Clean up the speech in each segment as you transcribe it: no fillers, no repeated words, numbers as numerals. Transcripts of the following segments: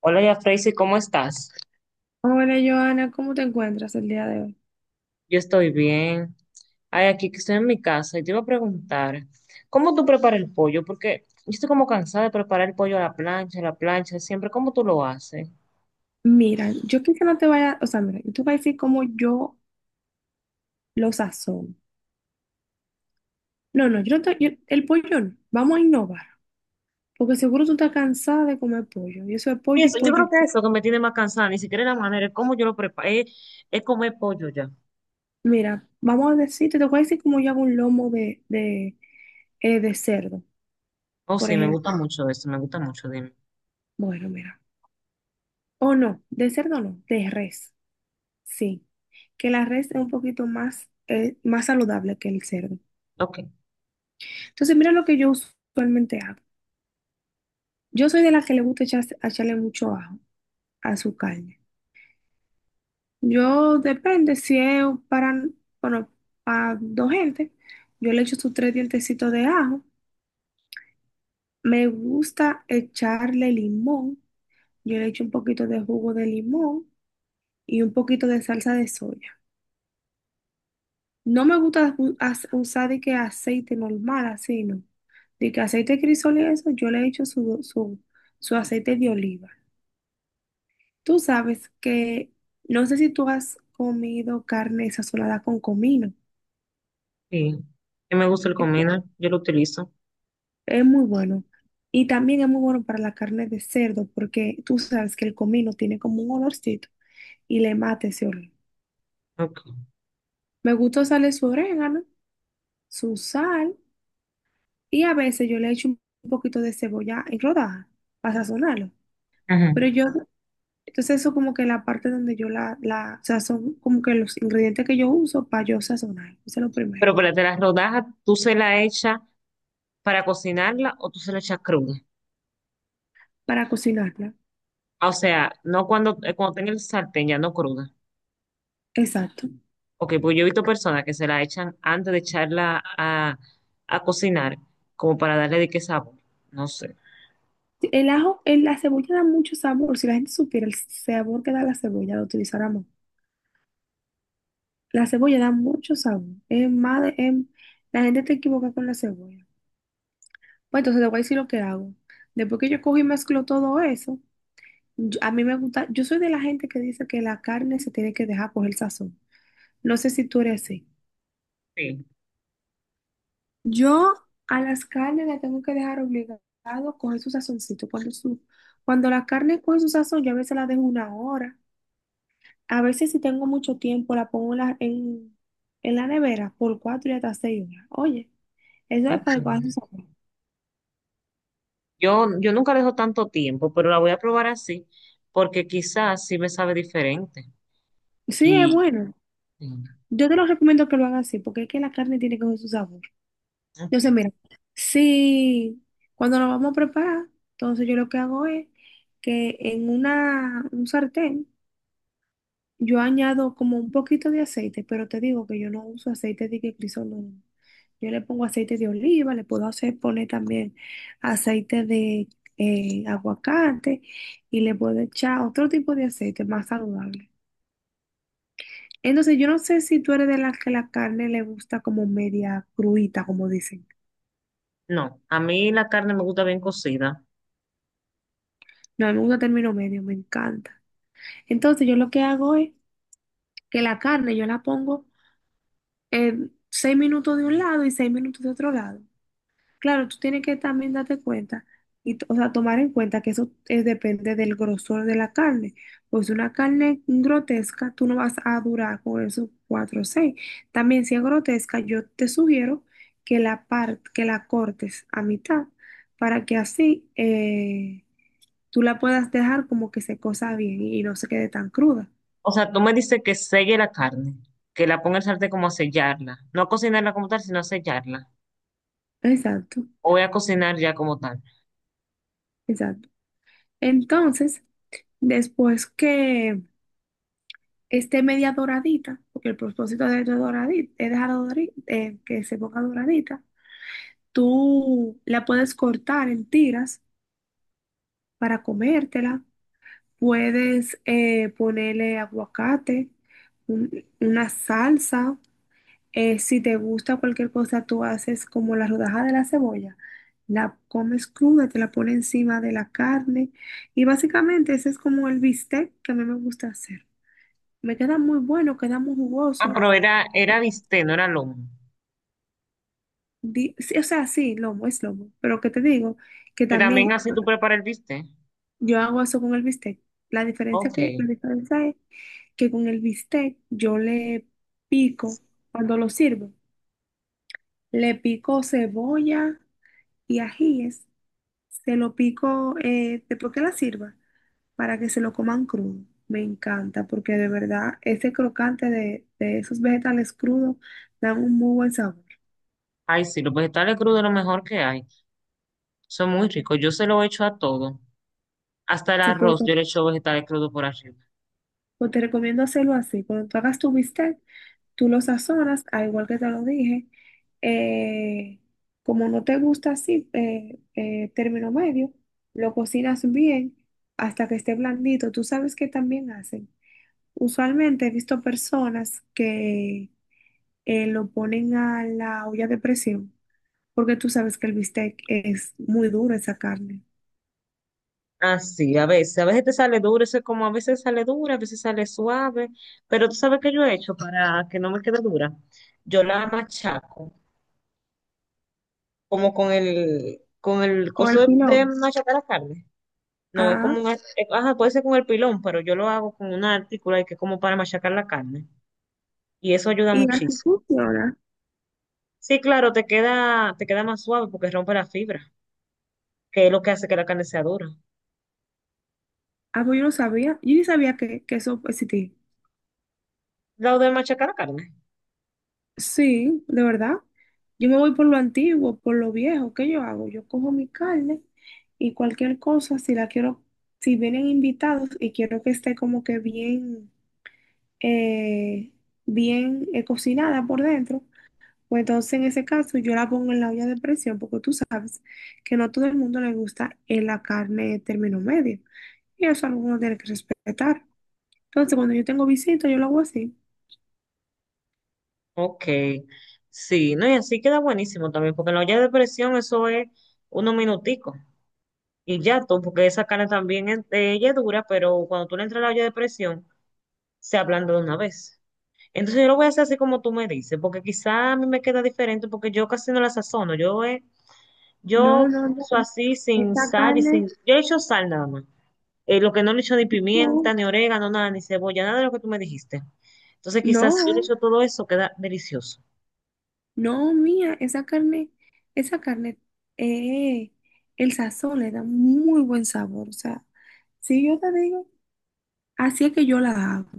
Hola, ya Tracy, ¿cómo estás? Hola, Joana, ¿cómo te encuentras el día de hoy? Yo estoy bien. Ay, aquí que estoy en mi casa y te iba a preguntar, ¿cómo tú preparas el pollo? Porque yo estoy como cansada de preparar el pollo a la plancha, siempre. ¿Cómo tú lo haces? Mira, yo quizá no te vaya, o sea, mira, yo te voy a decir cómo yo lo sazono. No, no, yo no te, el pollo no, vamos a innovar, porque seguro tú estás cansada de comer pollo, y eso es Y pollo y eso, yo pollo creo y que pollo. eso que me tiene más cansada, ni siquiera es la manera, es cómo yo lo preparo, es comer pollo ya. Mira, vamos a decirte, te voy a decir cómo yo hago un lomo de cerdo, Oh, por sí, me gusta ejemplo. mucho eso, me gusta mucho, dime. Bueno, mira, o no, de cerdo no, de res, sí, que la res es un poquito más, más saludable que el cerdo. Ok, Entonces, mira lo que yo usualmente hago. Yo soy de las que le gusta echarle mucho ajo a su carne. Yo depende si es para, bueno, para dos gente, yo le echo sus tres dientecitos de ajo. Me gusta echarle limón. Yo le echo un poquito de jugo de limón y un poquito de salsa de soya. No me gusta usar de que aceite normal, así no. De que aceite de crisol y eso, yo le echo su aceite de oliva. Tú sabes que no sé si tú has comido carne sazonada con comino. sí. Y me gusta el Es comino, yo lo utilizo. es muy bueno. Y también es muy bueno para la carne de cerdo porque tú sabes que el comino tiene como un olorcito y le mata ese olor. Ok. Me gusta usarle su orégano, su sal y a veces yo le echo un poquito de cebolla en rodaja para sazonarlo. Ujú. Pero yo, entonces eso como que la parte donde yo la sazón, como que los ingredientes que yo uso para yo sazonar. Eso es lo primero, Pero espérate, las rodajas, ¿tú se la echas para cocinarla o tú se la echas cruda? para cocinarla. O sea, no cuando, cuando tenga el sartén ya no cruda. Exacto. Ok, pues yo he visto personas que se la echan antes de echarla a cocinar, como para darle de qué sabor. No sé. Sí, el ajo, la cebolla da mucho sabor. Si la gente supiera el sabor que da la cebolla, lo utilizáramos. La cebolla da mucho sabor. Es más, la gente te equivoca con la cebolla. Pues entonces te voy a decir lo que hago. Después que yo cojo y mezclo todo eso, a mí me gusta, yo soy de la gente que dice que la carne se tiene que dejar coger sazón. No sé si tú eres así. Sí, Yo a las carnes las tengo que dejar obligado coger su sazoncito. Cuando la carne coge su sazón, yo a veces la dejo una hora. A veces si tengo mucho tiempo, la pongo en en la nevera por cuatro y hasta 6 horas. Oye, eso es para que coja su ok. sabor. Yo nunca dejo tanto tiempo, pero la voy a probar así, porque quizás sí me sabe diferente. Sí, es Y, bueno. sí, Yo te lo recomiendo que lo hagan así, porque es que la carne tiene que coger su sabor. Entonces, ok. mira, si cuando lo vamos a preparar, entonces yo lo que hago es que en un sartén yo añado como un poquito de aceite, pero te digo que yo no uso aceite de que crisol, no. No. Yo le pongo aceite de oliva, le puedo hacer poner también aceite de aguacate y le puedo echar otro tipo de aceite más saludable. Entonces, yo no sé si tú eres de las que la carne le gusta como media cruita, como dicen. No, a mí la carne me gusta bien cocida. No, a mí me gusta término medio, me encanta. Entonces, yo lo que hago es que la carne yo la pongo 6 minutos de un lado y 6 minutos de otro lado. Claro, tú tienes que también darte cuenta, o sea, tomar en cuenta que eso depende del grosor de la carne. Pues una carne grotesca, tú no vas a durar con esos cuatro o seis. También si es grotesca, yo te sugiero que que la cortes a mitad para que así tú la puedas dejar como que se cosa bien y no se quede tan cruda. O sea, tú me dices que selle la carne, que la ponga en el sartén como a sellarla. No a cocinarla como tal, sino a sellarla. Exacto, O voy a cocinar ya como tal. exacto. Entonces, después que esté media doradita, porque el propósito de ella es doradita, es dejar que se ponga doradita. Tú la puedes cortar en tiras para comértela. Puedes ponerle aguacate, una salsa. Si te gusta cualquier cosa, tú haces como la rodaja de la cebolla. La comes cruda, te la pones encima de la carne. Y básicamente ese es como el bistec que a mí me gusta hacer. Me queda muy bueno, queda muy Ah, jugoso. pero era bistec, no era lomo. Sí, o sea, sí, lomo, es lomo. Pero que te digo que Que también también así tú preparas el bistec. yo hago eso con el bistec. Ok. La diferencia es que con el bistec yo le pico, cuando lo sirvo, le pico cebolla y ajíes. Se lo pico después que la sirva para que se lo coman crudo. Me encanta porque de verdad ese crocante de esos vegetales crudos dan un muy buen sabor. Ay, sí, los vegetales crudos es lo mejor que hay. Son muy ricos. Yo se lo echo a todo. Hasta el Se arroz, yo puede- le echo vegetales crudos por arriba. pues te recomiendo hacerlo así. Cuando tú hagas tu bistec, tú lo sazonas, al igual que te lo dije. eh, Como no te gusta así, término medio, lo cocinas bien hasta que esté blandito. Tú sabes que también hacen. Usualmente he visto personas que lo ponen a la olla de presión, porque tú sabes que el bistec es muy duro esa carne. Así, a veces. A veces te sale duro. Eso es como a veces sale dura, a veces sale suave. Pero tú sabes que yo he hecho para que no me quede dura. Yo la machaco, como con el O coso el de pilón. machacar la carne. No, es Ah, como un, ajá, puede ser con el pilón, pero yo lo hago con una artícula y que es como para machacar la carne. Y eso ayuda y así muchísimo. funciona. Sí, claro, te queda más suave porque rompe la fibra, que es lo que hace que la carne sea dura. Ah, pues yo no sabía. Yo ni sabía que eso existía. Lo de machacar la carne. Sí, de verdad. Yo me voy por lo antiguo, por lo viejo. ¿Qué yo hago? Yo cojo mi carne y cualquier cosa, si la quiero, si vienen invitados y quiero que esté como que bien, eh, bien cocinada por dentro, pues entonces en ese caso yo la pongo en la olla de presión, porque tú sabes que no todo el mundo le gusta la carne término medio. Y eso alguno tiene que respetar. Entonces, cuando yo tengo visita, yo lo hago así. Ok. Sí, no, y así queda buenísimo también, porque en la olla de presión eso es unos minuticos. Y ya tú, porque esa carne también ella es dura, pero cuando tú le entras a la olla de presión, se ablanda de una vez. Entonces yo lo voy a hacer así como tú me dices, porque quizá a mí me queda diferente, porque yo casi no la sazono. Yo No, no, uso no. así sin Esta sal y sin... carne, Yo he hecho sal nada más. Lo que no le he hecho ni pimienta, no. ni orégano, nada, ni cebolla, nada de lo que tú me dijiste. Entonces quizás si yo le No, echo todo eso, queda delicioso. no, mía, esa carne, eh, el sazón le da muy buen sabor. O sea, si yo te digo, así es que yo la hago.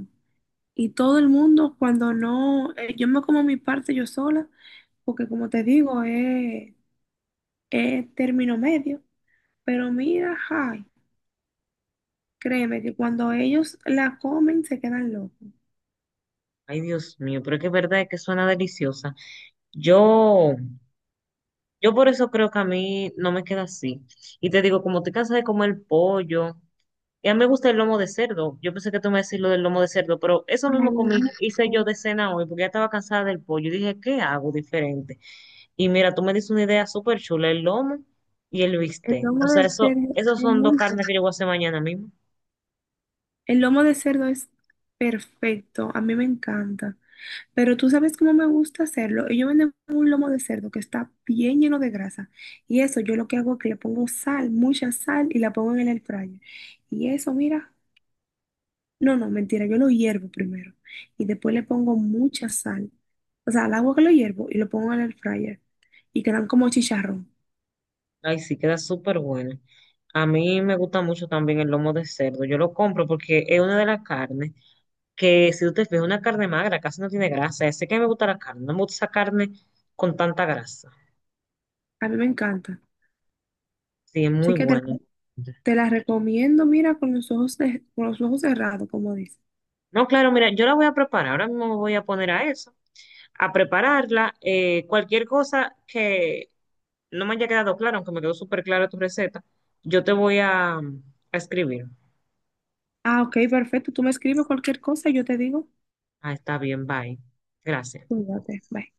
Y todo el mundo, cuando no, yo me como mi parte yo sola, porque como te digo, es término medio. Pero mira, ay, créeme que cuando ellos la comen se quedan locos. Ay, Dios mío, pero es que es verdad que suena deliciosa. Yo Yo por eso creo que a mí no me queda así. Y te digo, como estoy cansada de comer pollo, y a mí me gusta el lomo de cerdo. Yo pensé que tú me decías lo del lomo de cerdo, pero eso Ay, mismo el comí, lomo de hice yo cerdo, de cena hoy, porque ya estaba cansada del pollo. Y dije, ¿qué hago diferente? Y mira, tú me dices una idea súper chula, el lomo y el el bistec. lomo O sea, de eso, cerdo esos es son dos muy carnes que yo voy a hacer mañana mismo. El lomo de cerdo es perfecto, a mí me encanta. Pero tú sabes cómo me gusta hacerlo. Ellos venden un lomo de cerdo que está bien lleno de grasa. Y eso yo lo que hago es que le pongo sal, mucha sal, y la pongo en el air fryer. Y eso, mira, no, no, mentira, yo lo hiervo primero. Y después le pongo mucha sal. O sea, al agua que lo hiervo y lo pongo en el air fryer. Y quedan como chicharrón. Ay, sí, queda súper buena. A mí me gusta mucho también el lomo de cerdo. Yo lo compro porque es una de las carnes. Que si tú te fijas, una carne magra casi no tiene grasa. Sé que me gusta la carne, no me gusta esa carne con tanta grasa. A mí me encanta. Sí, es Así muy que te, la bueno. Te la recomiendo, mira, con los ojos, con los ojos cerrados, como dice. No, claro, mira, yo la voy a preparar, ahora mismo me voy a poner a eso, a prepararla. Cualquier cosa que no me haya quedado claro, aunque me quedó súper clara tu receta, yo te voy a escribir. Ah, ok, perfecto. Tú me escribes cualquier cosa y yo te digo. Ah, está bien, bye. Gracias. Cuídate. Bye.